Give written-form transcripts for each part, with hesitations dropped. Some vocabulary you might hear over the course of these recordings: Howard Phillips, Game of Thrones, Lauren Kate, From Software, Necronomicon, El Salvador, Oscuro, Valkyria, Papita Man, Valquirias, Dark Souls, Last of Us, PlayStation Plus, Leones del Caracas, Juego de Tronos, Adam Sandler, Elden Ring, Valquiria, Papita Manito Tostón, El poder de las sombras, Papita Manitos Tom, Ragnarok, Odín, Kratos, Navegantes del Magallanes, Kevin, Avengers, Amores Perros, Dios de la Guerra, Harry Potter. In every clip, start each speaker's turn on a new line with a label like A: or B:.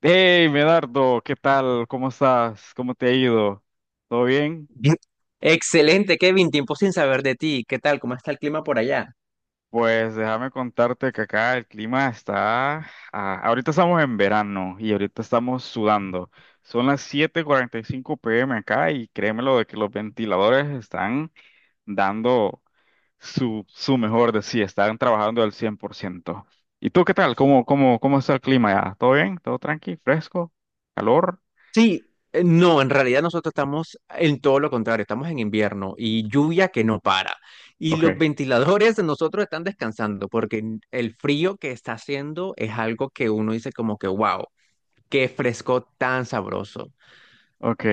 A: Hey, Medardo, ¿qué tal? ¿Cómo estás? ¿Cómo te ha ido? ¿Todo bien?
B: Bien. Excelente, Kevin. Tiempo sin saber de ti. ¿Qué tal? ¿Cómo está el clima por allá?
A: Pues déjame contarte que acá el clima está, ahorita estamos en verano y ahorita estamos sudando. Son las 7:45 p.m. acá y créemelo de que los ventiladores están dando su mejor de sí, están trabajando al 100%. ¿Y tú qué tal? ¿Cómo está el clima ya? ¿Todo bien? ¿Todo tranqui? ¿Fresco? ¿Calor?
B: Sí, no, en realidad nosotros estamos en todo lo contrario. Estamos en invierno y lluvia que no para. Y los
A: Ok.
B: ventiladores de nosotros están descansando porque el frío que está haciendo es algo que uno dice como que, wow, qué fresco tan sabroso.
A: Ok,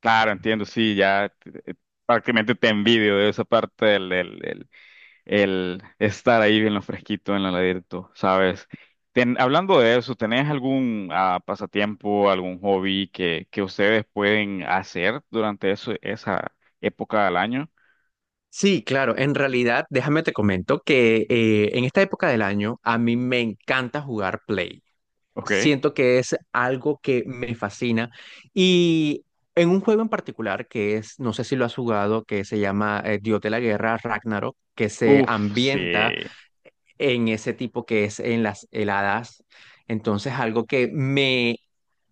A: claro, entiendo, sí, ya eh, prácticamente te envidio de esa parte el estar ahí bien lo fresquito en el heladito, ¿sabes? Hablando de eso, ¿tenés algún pasatiempo, algún hobby que ustedes pueden hacer durante esa época del año?
B: Sí, claro, en realidad, déjame te comento que en esta época del año a mí me encanta jugar Play.
A: Ok,
B: Siento que es algo que me fascina. Y en un juego en particular que es, no sé si lo has jugado, que se llama Dios de la Guerra, Ragnarok, que se
A: uf,
B: ambienta
A: sí.
B: en ese tipo que es en las heladas. Entonces, algo que me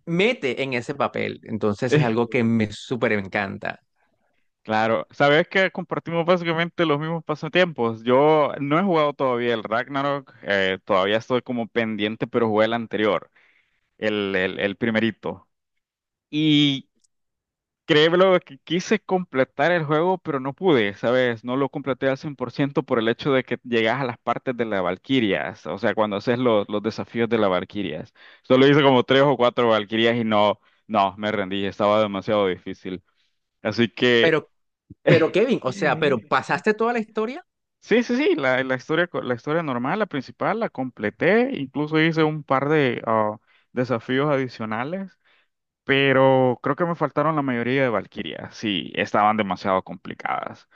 B: mete en ese papel. Entonces, es algo que me súper encanta.
A: Claro, sabes que compartimos básicamente los mismos pasatiempos. Yo no he jugado todavía el Ragnarok, todavía estoy como pendiente, pero jugué el anterior, el primerito. Y créeme que quise completar el juego, pero no pude, ¿sabes? No lo completé al 100% por ciento por el hecho de que llegas a las partes de las Valquirias, o sea, cuando haces los desafíos de las Valquirias. Solo hice como tres o cuatro Valquirias y no, no, me rendí, estaba demasiado difícil. Así que...
B: Pero, pero Kevin, o sea, pero ¿pasaste toda la historia?
A: Sí, sí, sí, la historia, la historia normal, la principal, la completé, incluso hice un par de desafíos adicionales, pero creo que me faltaron la mayoría de Valkyria, sí, estaban demasiado complicadas.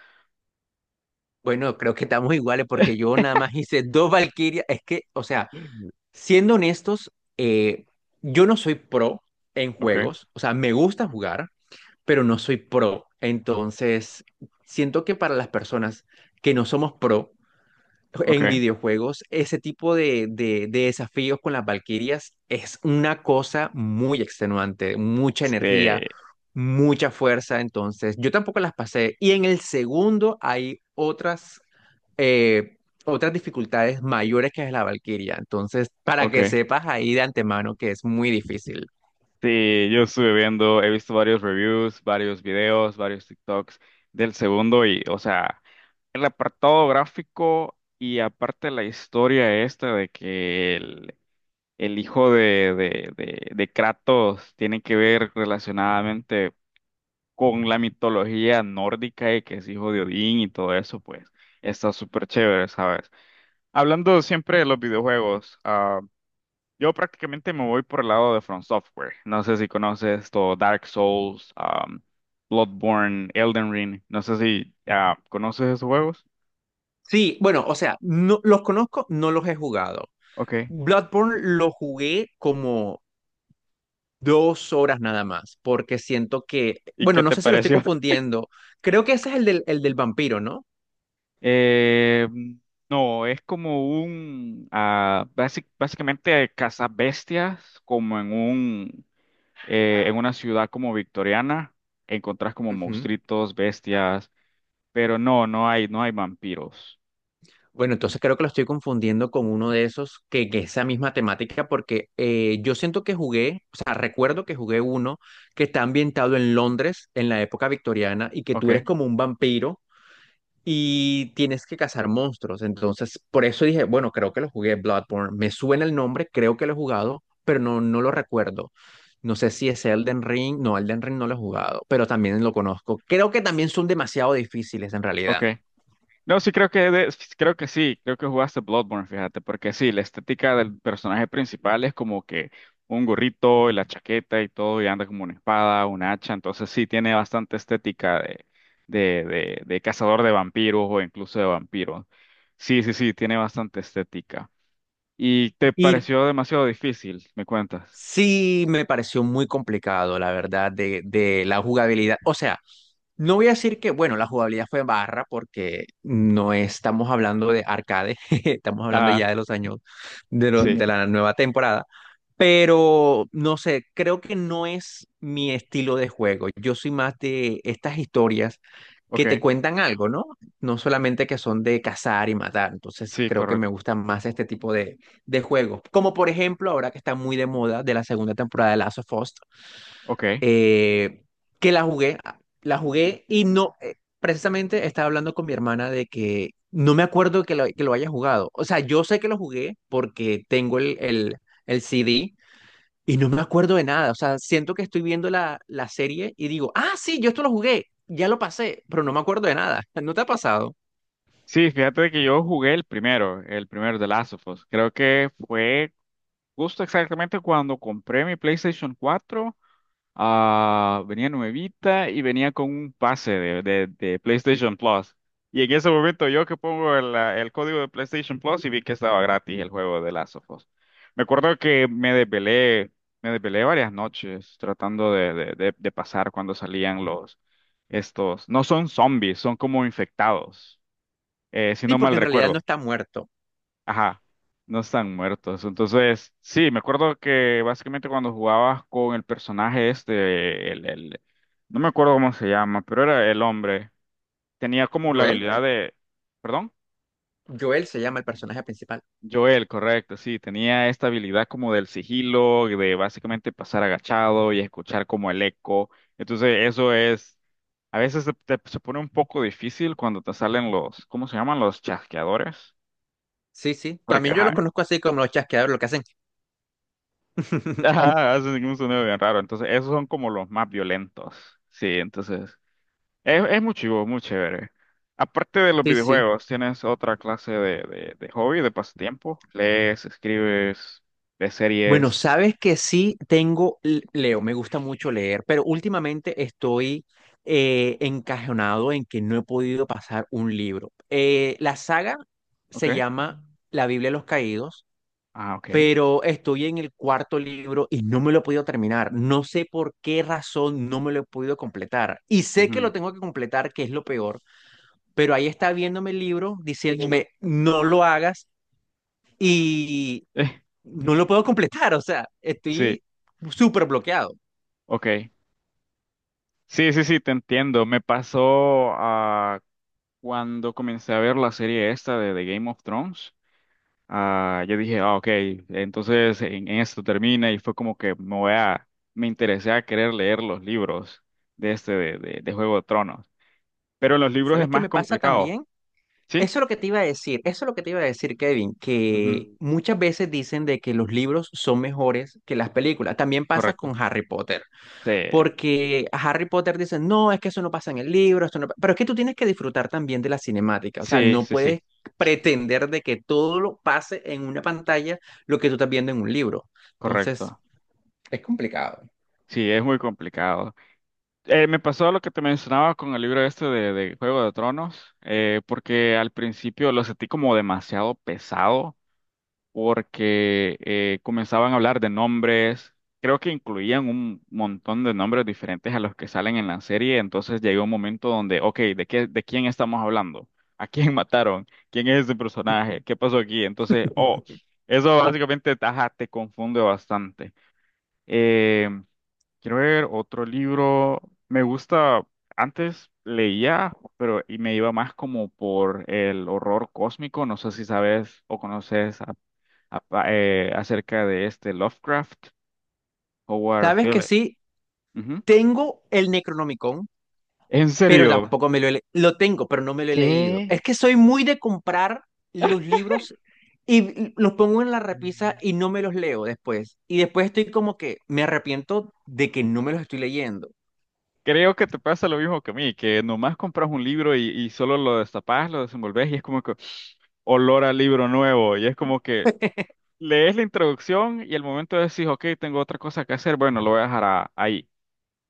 B: Bueno, creo que estamos iguales porque yo nada más hice dos Valkyrias. Es que, o sea... Siendo honestos, eh, yo no soy pro en
A: Ok,
B: juegos, o sea, me gusta jugar, pero no soy pro. Entonces, siento que para las personas que no somos pro,
A: ok,
B: en videojuegos, ese tipo de, de desafíos con las Valquirias es una cosa muy extenuante, mucha energía,
A: sí,
B: mucha fuerza. Entonces, yo tampoco las pasé. Y en el segundo hay otras, eh, otras dificultades mayores que es la Valquiria. Entonces, para que
A: ok.
B: sepas ahí de antemano que es muy difícil.
A: Sí, yo estuve viendo, he visto varios reviews, varios videos, varios TikToks del segundo y, o sea, el apartado gráfico y aparte la historia esta de que el hijo de Kratos tiene que ver relacionadamente con la mitología nórdica y que es hijo de Odín y todo eso, pues está súper chévere, ¿sabes? Hablando siempre de los videojuegos, yo prácticamente me voy por el lado de From Software. No sé si conoces todo Dark Souls, Bloodborne, Elden Ring. No sé si conoces esos juegos.
B: Sí, bueno, o sea, no, los conozco, no los he jugado.
A: Ok.
B: Bloodborne lo jugué como 2 horas nada más, porque siento que,
A: ¿Y qué
B: bueno, no
A: te
B: sé si lo estoy
A: pareció?
B: confundiendo. Creo que ese es el del vampiro, ¿no?
A: Eh, no, es como básicamente cazabestias, como en una ciudad como victoriana, encontrás como
B: Ujú.
A: monstruitos, bestias, pero no, no hay vampiros.
B: Bueno, entonces creo que lo estoy confundiendo con uno de esos que, esa misma temática, porque yo siento que jugué, o sea, recuerdo que jugué uno que está ambientado en Londres en la época victoriana y que
A: Ok,
B: tú eres como un vampiro y tienes que cazar monstruos. Entonces, por eso dije, bueno, creo que lo jugué Bloodborne. Me suena el nombre, creo que lo he jugado, pero no, no lo recuerdo. No sé si es Elden Ring. No, Elden Ring no lo he jugado, pero también lo conozco. Creo que también son demasiado difíciles en
A: ok.
B: realidad.
A: No, creo que sí, creo que jugaste Bloodborne, fíjate, porque sí, la estética del personaje principal es como que un gorrito y la chaqueta y todo, y anda como una espada, una hacha, entonces sí tiene bastante estética de, de cazador de vampiros o incluso de vampiros. Sí, sí, sí, tiene bastante estética. ¿Y te
B: Y
A: pareció demasiado difícil? ¿Me cuentas?
B: sí me pareció muy complicado, la verdad, de la jugabilidad. O sea, no voy a decir que, bueno, la jugabilidad fue barra porque no estamos hablando de arcade, estamos hablando
A: Ah,
B: ya de los años de, lo-
A: sí,
B: de la nueva temporada, pero no sé, creo que no es mi estilo de juego. Yo soy más de estas historias
A: ok,
B: que te cuentan algo, ¿no? No solamente que son de cazar y matar, entonces
A: sí,
B: creo que me
A: correcto,
B: gustan más este tipo de juegos, como por ejemplo ahora que está muy de moda de la segunda temporada de Last of Us,
A: ok.
B: eh, que la jugué, ah, la jugué y no, precisamente estaba hablando con mi hermana de que no me acuerdo que lo haya jugado. O sea, yo sé que lo jugué porque tengo el CD y no me acuerdo de nada. O sea, siento que estoy viendo la serie y digo, ah, sí, yo esto lo jugué, ya lo pasé, pero no me acuerdo de nada. ¿No te ha pasado?
A: Sí, fíjate que yo jugué el primero de Last of Us. Creo que fue justo exactamente cuando compré mi PlayStation 4, venía nuevita y venía con un pase de PlayStation Plus. Y en ese momento yo que pongo el código de PlayStation Plus y vi que estaba gratis el juego de Last of Us. Me acuerdo que me desvelé varias noches tratando de pasar cuando salían estos, no son zombies, son como infectados, si
B: Sí,
A: no
B: porque
A: mal
B: en realidad no
A: recuerdo.
B: está muerto.
A: Ajá, no están muertos. Entonces, sí, me acuerdo que básicamente cuando jugabas con el personaje este, no me acuerdo cómo se llama, pero era el hombre. Tenía como la
B: Joel,
A: habilidad de, perdón,
B: Joel se llama el personaje principal.
A: Joel, correcto, sí, tenía esta habilidad como del sigilo, de básicamente pasar agachado y escuchar como el eco. Entonces, eso es, a veces se pone un poco difícil cuando te salen los, ¿cómo se llaman? Los chasqueadores.
B: Sí, sí.
A: Porque,
B: También yo los
A: ajá,
B: conozco así como los chasqueadores, lo que hacen.
A: ajá, hacen un sonido bien raro. Entonces, esos son como los más violentos. Sí, entonces, es muy chivo, muy chévere. Aparte de los
B: Sí, sí.
A: videojuegos, ¿tienes otra clase de hobby, de pasatiempo? ¿Lees, escribes, ves
B: Bueno,
A: series?
B: sabes que sí tengo, leo, me gusta mucho leer, pero últimamente estoy encajonado en que no he podido pasar un libro. La saga
A: ¿Ok?
B: se llama La Biblia de los Caídos,
A: Ah, ok.
B: pero estoy en el cuarto libro y no me lo he podido terminar. No sé por qué razón no me lo he podido completar. Y sé que
A: Ujú.
B: lo tengo que completar, que es lo peor, pero ahí está viéndome el libro diciéndome, no lo hagas no lo
A: Eh,
B: puedo completar, o sea,
A: Sí,
B: estoy súper bloqueado.
A: ok. Sí, sí, sí, te entiendo. Me pasó cuando comencé a ver la serie esta de Game of Thrones. Ah, yo dije, ah, ok, entonces en esto termina y fue como que me voy a, me interesé a querer leer los libros de este, de Juego de Tronos. Pero en los libros
B: ¿Sabes
A: es
B: qué
A: más
B: me pasa
A: complicado,
B: también?
A: ¿sí?
B: Eso es lo que te iba a decir, eso es lo que te iba a decir, Kevin,
A: Ujú,
B: que
A: mm,
B: muchas veces dicen de que los libros son mejores que las películas. También pasa
A: correcto.
B: con Harry Potter,
A: Sí,
B: porque a Harry Potter dicen, no, es que eso no pasa en el libro, esto no Pero es que tú tienes que disfrutar también de la cinemática, o sea,
A: sí,
B: no
A: sí,
B: puedes
A: sí,
B: pretender de que todo lo pase en una pantalla lo que tú estás viendo en un libro. Entonces,
A: correcto.
B: es complicado.
A: Sí, es muy complicado. Me pasó lo que te mencionaba con el libro este de Juego de Tronos, porque al principio lo sentí como demasiado pesado porque comenzaban a hablar de nombres, creo que incluían un montón de nombres diferentes a los que salen en la serie, entonces llegó un momento donde, ok, de quién estamos hablando? ¿A quién mataron? ¿Quién es ese personaje? ¿Qué pasó aquí? Entonces, oh, eso básicamente, ajá, te confunde bastante. Eh, Quiero ver otro libro, me gusta, antes leía, pero y me iba más como por el horror cósmico, no sé si sabes o conoces acerca de este Lovecraft, Howard
B: Sabes que
A: Phillips.
B: sí,
A: Ujú.
B: tengo el Necronomicon,
A: En
B: pero
A: serio,
B: tampoco me lo he. Lo tengo, pero no me lo he leído.
A: ¿qué?
B: Es que soy muy de comprar los libros y los pongo en la repisa
A: Mm.
B: y no me los leo después. Y después estoy como que me arrepiento de que no me los estoy leyendo.
A: Creo que te pasa lo mismo que a mí, que nomás compras un libro y solo lo destapas, lo desenvolves y es como que olor a libro nuevo y es como que lees la introducción y al momento decís, ok, tengo otra cosa que hacer, bueno, lo voy a dejar ahí.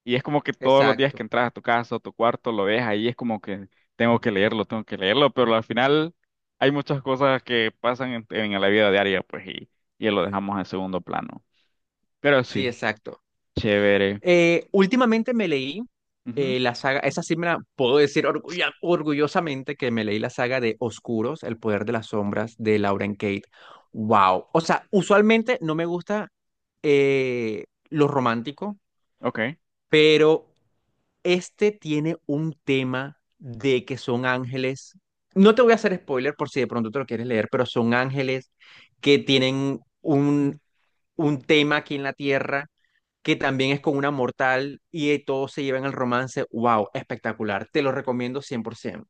A: Y es como que todos los días que
B: Exacto.
A: entras a tu casa o tu cuarto lo ves ahí, es como que tengo que leerlo, pero al final hay muchas cosas que pasan en la vida diaria, pues, y lo dejamos en segundo plano. Pero
B: Sí,
A: sí,
B: exacto.
A: chévere.
B: Últimamente me leí
A: Ujú,
B: la saga, esa sí me la puedo decir orgullosamente que me leí la saga de Oscuros, El poder de las sombras de Lauren Kate. Wow. O sea, usualmente no me gusta lo romántico,
A: ok,
B: pero este tiene un tema de que son ángeles. No te voy a hacer spoiler por si de pronto te lo quieres leer, pero son ángeles que tienen un tema aquí en la tierra que también es con una mortal y todos se llevan el romance. ¡Wow! Espectacular. Te lo recomiendo 100%.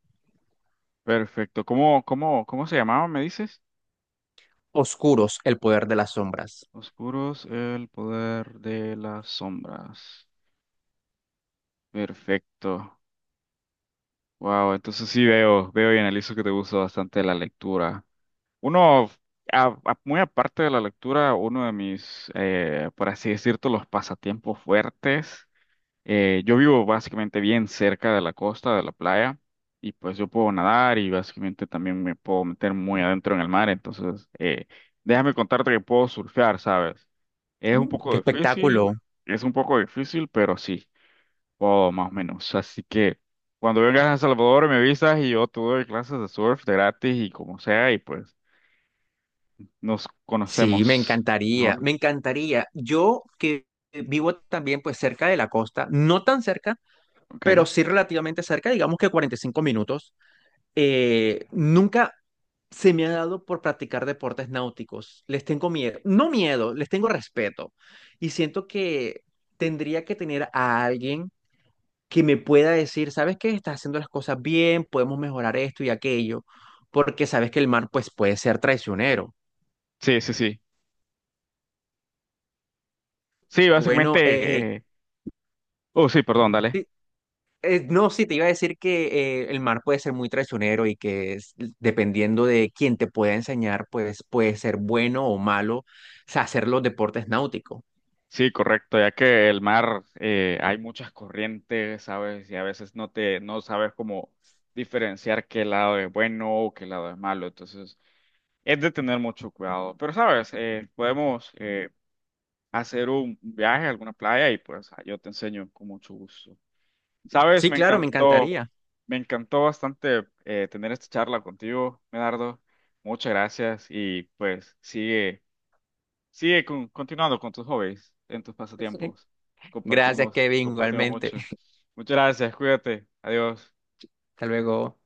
A: perfecto. ¿Cómo se llamaba, me dices?
B: Oscuros, el poder de las sombras.
A: Oscuros, el poder de las sombras. Perfecto. Wow, entonces sí veo, veo y analizo que te gusta bastante la lectura. Uno, muy aparte de la lectura, uno de mis, por así decirlo, los pasatiempos fuertes, yo vivo básicamente bien cerca de la costa, de la playa, y pues yo puedo nadar y básicamente también me puedo meter muy adentro en el mar, entonces déjame contarte que puedo surfear, ¿sabes? Es un
B: Mm.
A: poco
B: ¡Qué
A: difícil,
B: espectáculo!
A: pero sí, puedo más o menos, así que... Cuando vengas a El Salvador me avisas y yo te doy clases de surf de gratis y como sea y pues nos
B: Sí, me
A: conocemos. Mm,
B: encantaría,
A: mejor.
B: me encantaría. Yo que vivo también pues cerca de la costa, no tan cerca,
A: Ok.
B: pero sí relativamente cerca, digamos que 45 minutos, nunca se me ha dado por practicar deportes náuticos. Les tengo miedo, no miedo, les tengo respeto. Y siento que tendría que tener a alguien que me pueda decir, ¿sabes qué? Estás haciendo las cosas bien, podemos mejorar esto y aquello, porque sabes que el mar pues puede ser traicionero.
A: Sí, sí, sí. Sí,
B: Bueno,
A: básicamente. Oh, sí, perdón, dale.
B: sí, no, sí, te iba a decir que el mar puede ser muy traicionero y que dependiendo de quién te pueda enseñar, pues puede ser bueno o malo o sea, hacer los deportes náuticos.
A: Sí, correcto, ya que el mar hay muchas corrientes, ¿sabes? Y a veces no sabes cómo diferenciar qué lado es bueno o qué lado es malo. Entonces, es de tener mucho cuidado. Pero, ¿sabes? Podemos hacer un viaje a alguna playa y pues yo te enseño con mucho gusto. Sabes,
B: Sí, claro, me encantaría.
A: me encantó bastante tener esta charla contigo, Medardo. Muchas gracias y pues sigue, continuando con tus hobbies, en tus
B: Sí.
A: pasatiempos.
B: Gracias,
A: Compartimos,
B: Kevin,
A: compartimos
B: igualmente.
A: mucho. Muchas gracias, cuídate, adiós.
B: Hasta luego.